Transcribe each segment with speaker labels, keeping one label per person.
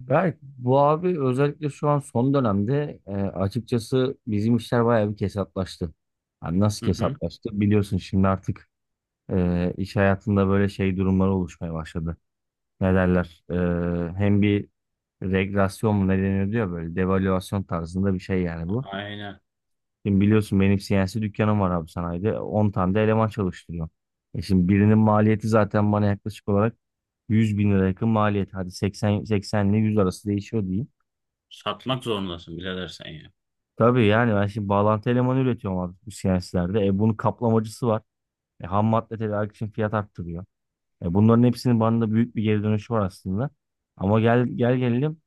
Speaker 1: Berk, bu abi özellikle şu an son dönemde açıkçası bizim işler bayağı bir kesatlaştı. Hani nasıl
Speaker 2: Hı hı.
Speaker 1: kesatlaştı? Biliyorsun şimdi artık iş hayatında böyle şey durumları oluşmaya başladı. Ne derler? Hem bir regresyon mu ne deniyor diyor böyle devalüasyon tarzında bir şey yani bu.
Speaker 2: Aynen.
Speaker 1: Şimdi biliyorsun benim CNC dükkanım var abi sanayide. 10 tane de eleman çalıştırıyor. Şimdi birinin maliyeti zaten bana yaklaşık olarak 100.000 lira yakın maliyet. Hadi 80 80 ile 100 arası değişiyor diyeyim.
Speaker 2: Satmak zorundasın birader sen ya.
Speaker 1: Tabii yani ben şimdi bağlantı elemanı üretiyorum abi bu CNC'lerde. Bunun kaplamacısı var. Ham madde tedarik için fiyat arttırıyor. Bunların hepsinin bana da büyük bir geri dönüşü var aslında. Ama gelelim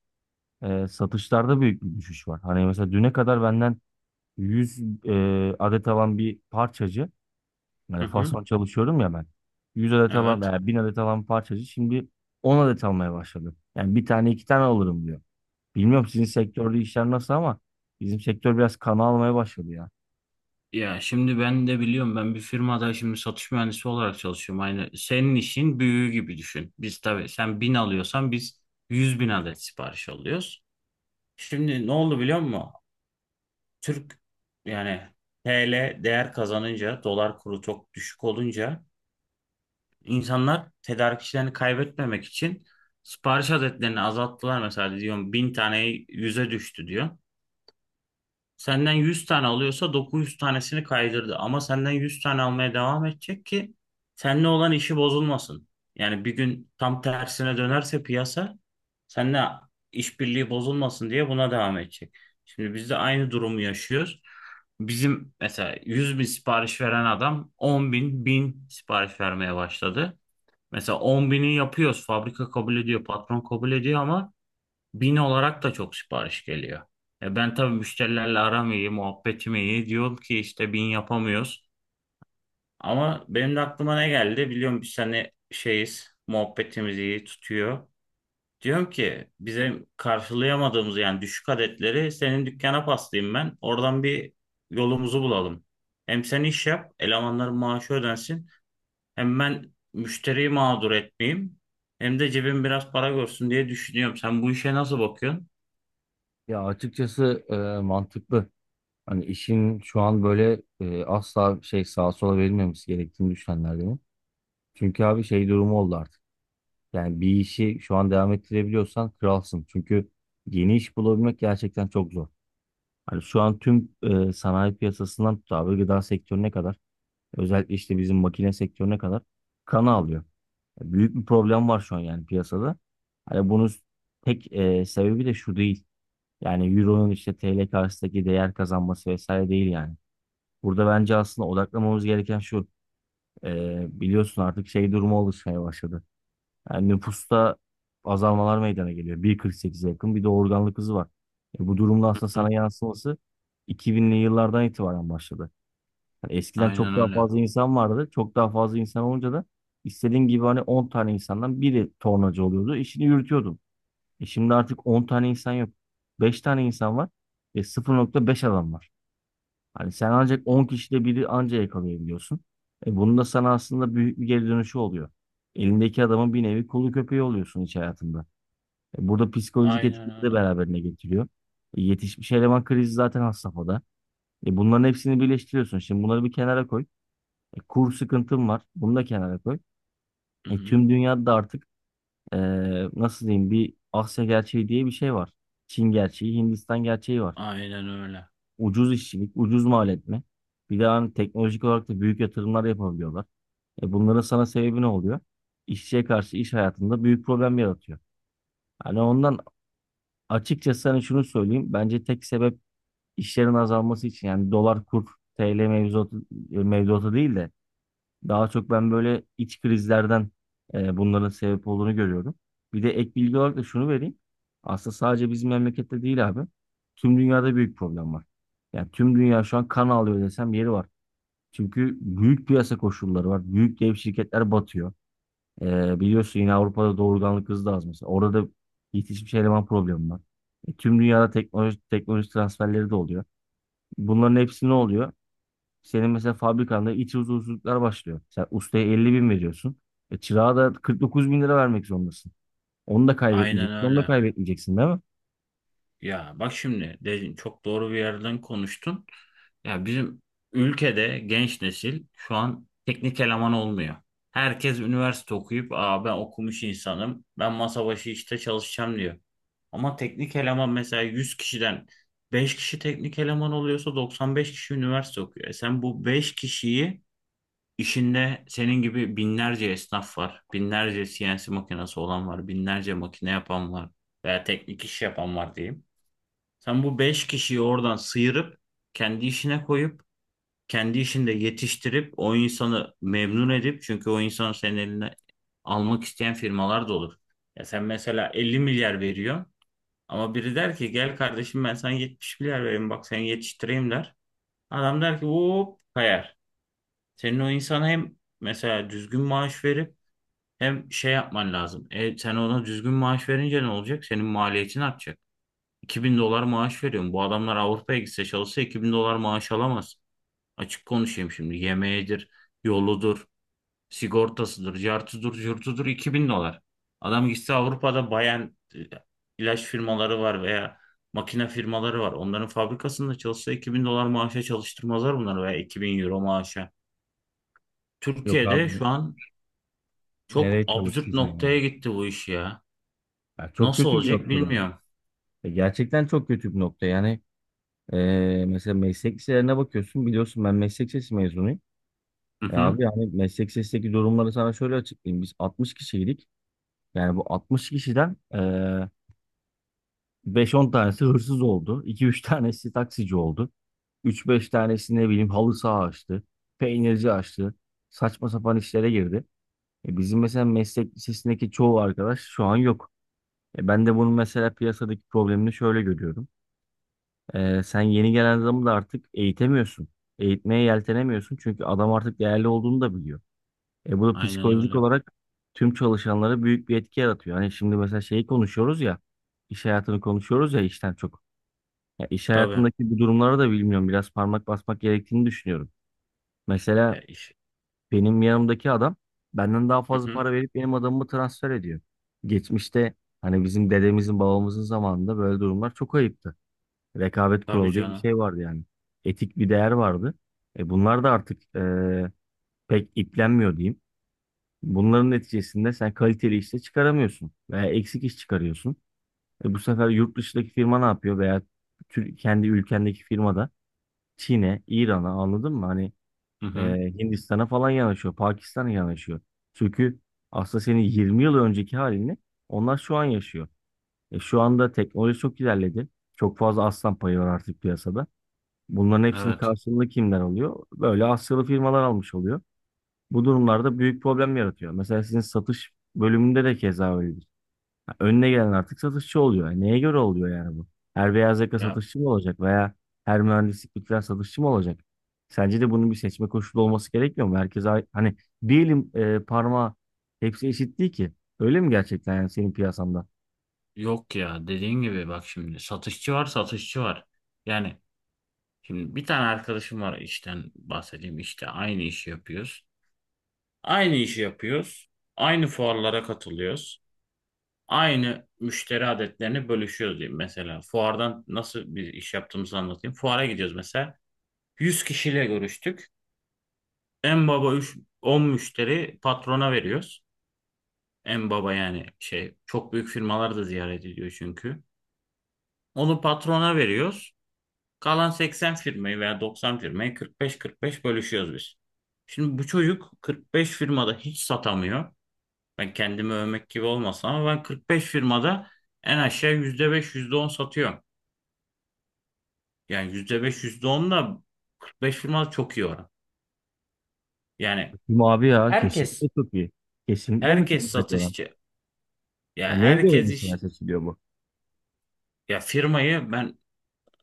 Speaker 1: satışlarda büyük bir düşüş var. Hani mesela düne kadar benden 100 adet alan bir parçacı, yani
Speaker 2: Hı hı.
Speaker 1: fason çalışıyorum ya ben. 100 adet alan
Speaker 2: Evet.
Speaker 1: veya 1000 adet alan parçacı şimdi 10 adet almaya başladı. Yani bir tane iki tane alırım diyor. Bilmiyorum sizin sektörde işler nasıl ama bizim sektör biraz kana almaya başladı ya.
Speaker 2: Ya şimdi ben de biliyorum, ben bir firmada şimdi satış mühendisi olarak çalışıyorum. Aynı senin işin büyüğü gibi düşün. Biz tabii sen bin alıyorsan biz 100.000 adet sipariş alıyoruz. Şimdi ne oldu biliyor musun? Türk, yani TL değer kazanınca, dolar kuru çok düşük olunca insanlar tedarikçilerini kaybetmemek için sipariş adetlerini azalttılar. Mesela diyorum, 1.000 tane 100'e düştü diyor. Senden 100 tane alıyorsa 900 tanesini kaydırdı. Ama senden 100 tane almaya devam edecek ki seninle olan işi bozulmasın. Yani bir gün tam tersine dönerse piyasa, seninle işbirliği bozulmasın diye buna devam edecek. Şimdi biz de aynı durumu yaşıyoruz. Bizim mesela 100.000 sipariş veren adam 10.000, 1.000 sipariş vermeye başladı. Mesela 10.000'i yapıyoruz. Fabrika kabul ediyor, patron kabul ediyor, ama 1.000 olarak da çok sipariş geliyor. E, ben tabii müşterilerle aram iyi, muhabbetim iyi. Diyorum ki işte 1.000 yapamıyoruz. Ama benim de aklıma ne geldi? Biliyorum biz hani şeyiz, muhabbetimiz iyi tutuyor. Diyorum ki bize, karşılayamadığımız yani düşük adetleri senin dükkana paslayayım ben. Oradan bir yolumuzu bulalım. Hem sen iş yap, elemanların maaşı ödensin. Hem ben müşteriyi mağdur etmeyeyim. Hem de cebim biraz para görsün diye düşünüyorum. Sen bu işe nasıl bakıyorsun?
Speaker 1: Ya açıkçası mantıklı. Hani işin şu an böyle asla şey sağa sola verilmemesi gerektiğini düşünenlerdenim. Çünkü abi şey durumu oldu artık. Yani bir işi şu an devam ettirebiliyorsan kralsın. Çünkü yeni iş bulabilmek gerçekten çok zor. Hani şu an tüm sanayi piyasasından tut abi gıda sektörüne kadar özellikle işte bizim makine sektörüne kadar kan alıyor. Büyük bir problem var şu an yani piyasada. Hani bunun tek sebebi de şu değil. Yani Euro'nun işte TL karşısındaki değer kazanması vesaire değil yani. Burada bence aslında odaklamamız gereken şu. Biliyorsun artık şey durumu oluşmaya başladı. Yani nüfusta azalmalar meydana geliyor. 1,48'e yakın bir de organlık hızı var. Bu durumda aslında sana yansıması 2000'li yıllardan itibaren başladı. Yani eskiden
Speaker 2: Aynen
Speaker 1: çok daha
Speaker 2: öyle.
Speaker 1: fazla insan vardı. Çok daha fazla insan olunca da istediğin gibi hani 10 tane insandan biri tornacı oluyordu. İşini yürütüyordu. Şimdi artık 10 tane insan yok. Beş tane insan var ve 0,5 adam var. Hani sen ancak 10 kişide biri anca yakalayabiliyorsun. Bunun da sana aslında büyük bir geri dönüşü oluyor. Elindeki adamın bir nevi kolu köpeği oluyorsun iş hayatında. Burada psikolojik
Speaker 2: Aynen
Speaker 1: etkileri de
Speaker 2: öyle.
Speaker 1: beraberine getiriyor. Yetişmiş eleman krizi zaten has safhada. Bunların hepsini birleştiriyorsun. Şimdi bunları bir kenara koy. Kur sıkıntın var. Bunu da kenara koy.
Speaker 2: Hı
Speaker 1: E
Speaker 2: hı.
Speaker 1: tüm dünyada da artık e, nasıl diyeyim bir Asya gerçeği diye bir şey var. Çin gerçeği, Hindistan gerçeği var.
Speaker 2: Aynen öyle.
Speaker 1: Ucuz işçilik, ucuz mal etme. Bir de hani teknolojik olarak da büyük yatırımlar yapabiliyorlar. Bunların sana sebebi ne oluyor? İşçiye karşı iş hayatında büyük problem yaratıyor. Hani ondan açıkçası sana şunu söyleyeyim. Bence tek sebep işlerin azalması için yani dolar kur TL mevzuatı, mevzuatı değil de daha çok ben böyle iç krizlerden bunların sebep olduğunu görüyorum. Bir de ek bilgi olarak da şunu vereyim. Aslında sadece bizim memlekette değil abi. Tüm dünyada büyük problem var. Yani tüm dünya şu an kan ağlıyor desem yeri var. Çünkü büyük piyasa koşulları var. Büyük dev şirketler batıyor. Biliyorsun yine Avrupa'da doğurganlık hızı da az mesela. Orada da yetişmiş eleman problemi var. Tüm dünyada teknoloji, teknoloji transferleri de oluyor. Bunların hepsi ne oluyor? Senin mesela fabrikanda iç huzursuzluklar başlıyor. Sen ustaya 50 bin veriyorsun. Çırağa da 49 bin lira vermek zorundasın. Onu da
Speaker 2: Aynen
Speaker 1: kaybetmeyeceksin. Onu da
Speaker 2: öyle.
Speaker 1: kaybetmeyeceksin değil mi?
Speaker 2: Ya bak, şimdi dedin, çok doğru bir yerden konuştun. Ya bizim ülkede genç nesil şu an teknik eleman olmuyor. Herkes üniversite okuyup, aa, ben okumuş insanım, ben masa başı işte çalışacağım diyor. Ama teknik eleman, mesela 100 kişiden 5 kişi teknik eleman oluyorsa 95 kişi üniversite okuyor. E sen bu 5 kişiyi, İşinde senin gibi binlerce esnaf var. Binlerce CNC makinesi olan var. Binlerce makine yapan var. Veya teknik iş yapan var diyeyim. Sen bu beş kişiyi oradan sıyırıp kendi işine koyup kendi işinde yetiştirip o insanı memnun edip, çünkü o insanı senin eline almak isteyen firmalar da olur. Ya sen mesela 50 milyar veriyorsun ama biri der ki gel kardeşim ben sana 70 milyar vereyim, bak seni yetiştireyim der. Adam der ki hop, kayar. Senin o insana hem mesela düzgün maaş verip hem şey yapman lazım. E, sen ona düzgün maaş verince ne olacak? Senin maliyetin artacak. 2.000 dolar maaş veriyorum. Bu adamlar Avrupa'ya gitse çalışsa 2.000 dolar maaş alamaz. Açık konuşayım şimdi. Yemeğidir, yoludur, sigortasıdır, cartıdır, curtudur, 2.000 dolar. Adam gitse Avrupa'da bayan ilaç firmaları var veya makine firmaları var. Onların fabrikasında çalışsa 2000 dolar maaşa çalıştırmazlar bunları, veya 2.000 euro maaşa.
Speaker 1: Yok abi
Speaker 2: Türkiye'de şu an çok
Speaker 1: nereye
Speaker 2: absürt
Speaker 1: çalıştıracaksın
Speaker 2: noktaya
Speaker 1: yani?
Speaker 2: gitti bu iş ya.
Speaker 1: Ya çok
Speaker 2: Nasıl
Speaker 1: kötü bir
Speaker 2: olacak
Speaker 1: noktada.
Speaker 2: bilmiyorum.
Speaker 1: Gerçekten çok kötü bir nokta. Yani e, mesela meslek liselerine bakıyorsun. Biliyorsun ben meslek lisesi mezunuyum.
Speaker 2: Hı
Speaker 1: E
Speaker 2: hı.
Speaker 1: abi yani meslek lisesindeki durumları sana şöyle açıklayayım. Biz 60 kişiydik. Yani bu 60 kişiden beş on tanesi hırsız oldu. İki üç tanesi taksici oldu. Üç beş tanesi ne bileyim halı saha açtı. Peynirci açtı. Saçma sapan işlere girdi. Bizim mesela meslek lisesindeki çoğu arkadaş şu an yok. Ben de bunun mesela piyasadaki problemini şöyle görüyorum. Sen yeni gelen adamı da artık eğitemiyorsun. Eğitmeye yeltenemiyorsun çünkü adam artık değerli olduğunu da biliyor. Bu da
Speaker 2: Aynen
Speaker 1: psikolojik
Speaker 2: öyle.
Speaker 1: olarak tüm çalışanlara büyük bir etki yaratıyor. Hani şimdi mesela şeyi konuşuyoruz ya, iş hayatını konuşuyoruz ya işten çok. Ya iş
Speaker 2: Tabii.
Speaker 1: hayatındaki bu durumları da bilmiyorum. Biraz parmak basmak gerektiğini düşünüyorum. Mesela
Speaker 2: Ya iş.
Speaker 1: benim yanımdaki adam benden daha
Speaker 2: Hı
Speaker 1: fazla
Speaker 2: hı.
Speaker 1: para verip benim adamımı transfer ediyor. Geçmişte hani bizim dedemizin babamızın zamanında böyle durumlar çok ayıptı. Rekabet
Speaker 2: Tabii
Speaker 1: kuralı diye bir
Speaker 2: canım.
Speaker 1: şey vardı yani. Etik bir değer vardı. Bunlar da artık pek iplenmiyor diyeyim. Bunların neticesinde sen kaliteli işte çıkaramıyorsun veya eksik iş çıkarıyorsun. Bu sefer yurt dışındaki firma ne yapıyor veya kendi ülkendeki firmada Çin'e, İran'a anladın mı? Hani
Speaker 2: Hı
Speaker 1: e,
Speaker 2: hı.
Speaker 1: Hindistan'a falan yanaşıyor, Pakistan'a yanaşıyor. Çünkü aslında senin 20 yıl önceki halini onlar şu an yaşıyor. Şu anda teknoloji çok ilerledi. Çok fazla aslan payı var artık piyasada. Bunların hepsini
Speaker 2: Evet.
Speaker 1: karşılığında kimler alıyor? Böyle Asyalı firmalar almış oluyor. Bu durumlarda büyük problem yaratıyor. Mesela sizin satış bölümünde de keza öyle önüne gelen artık satışçı oluyor. Yani neye göre oluyor yani bu? Her beyaz yaka
Speaker 2: Ya
Speaker 1: satışçı mı olacak veya her mühendislik bitiren satışçı mı olacak? Sence de bunun bir seçme koşulu olması gerekmiyor mu? Herkese hani bir elin parmağı hepsi eşit değil ki. Öyle mi gerçekten yani senin piyasanda?
Speaker 2: yok ya, dediğin gibi, bak şimdi satışçı var, satışçı var. Yani şimdi bir tane arkadaşım var, işten bahsedeyim, işte aynı işi yapıyoruz. Aynı işi yapıyoruz. Aynı fuarlara katılıyoruz. Aynı müşteri adetlerini bölüşüyoruz diyeyim mesela. Fuardan nasıl bir iş yaptığımızı anlatayım. Fuara gidiyoruz mesela. 100 kişiyle görüştük. En baba 3, 10 müşteri patrona veriyoruz. En baba yani şey, çok büyük firmalar da ziyaret ediyor çünkü. Onu patrona veriyoruz. Kalan 80 firmayı veya 90 firmayı 45-45 bölüşüyoruz biz. Şimdi bu çocuk 45 firmada hiç satamıyor. Ben kendimi övmek gibi olmasın ama ben 45 firmada en aşağı %5 %10 satıyorum. Yani %5 %10 da 45 firmada çok iyi oran. Yani
Speaker 1: Kim abi ya kesinlikle
Speaker 2: herkes
Speaker 1: çok iyi. Kesinlikle
Speaker 2: Herkes
Speaker 1: mükemmel bir oran.
Speaker 2: satışçı. Ya
Speaker 1: Yani neye göre
Speaker 2: herkes
Speaker 1: mesela
Speaker 2: iş,
Speaker 1: seçiliyor bu?
Speaker 2: ya firmayı ben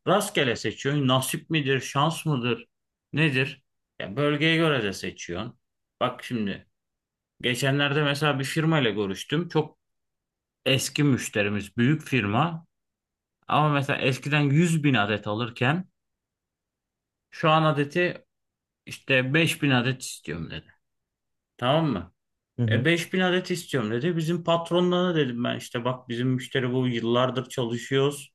Speaker 2: rastgele seçiyorum. Nasip midir, şans mıdır, nedir? Ya bölgeye göre de seçiyorsun. Bak şimdi geçenlerde mesela bir firma ile görüştüm. Çok eski müşterimiz, büyük firma. Ama mesela eskiden 100.000 adet alırken şu an adeti işte 5.000 adet istiyorum dedi. Tamam mı?
Speaker 1: Hı
Speaker 2: E
Speaker 1: hı.
Speaker 2: 5.000 adet istiyorum dedi. Bizim patronlarına dedim, ben işte bak bizim müşteri bu, yıllardır çalışıyoruz,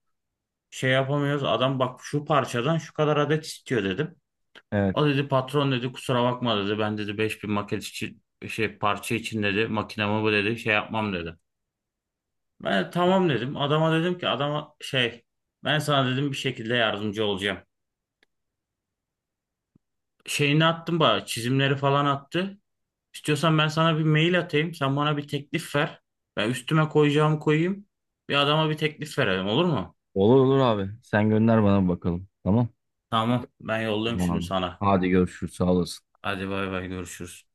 Speaker 2: şey yapamıyoruz. Adam bak şu parçadan şu kadar adet istiyor dedim.
Speaker 1: Evet.
Speaker 2: O dedi, patron dedi, kusura bakma dedi. Ben dedi 5.000 maket için, şey parça için dedi makinamı bu dedi şey yapmam dedi. Ben de tamam dedim. Adama dedim ki, adama şey, ben sana dedim bir şekilde yardımcı olacağım. Şeyini attım, bana çizimleri falan attı. İstiyorsan ben sana bir mail atayım. Sen bana bir teklif ver. Ben üstüme koyacağımı koyayım. Bir adama bir teklif verelim, olur mu?
Speaker 1: Olur olur abi. Sen gönder bana bakalım. Tamam.
Speaker 2: Tamam ben yolluyorum
Speaker 1: Tamam
Speaker 2: şimdi
Speaker 1: abi.
Speaker 2: sana.
Speaker 1: Hadi görüşürüz. Sağ olasın.
Speaker 2: Hadi bay bay, görüşürüz.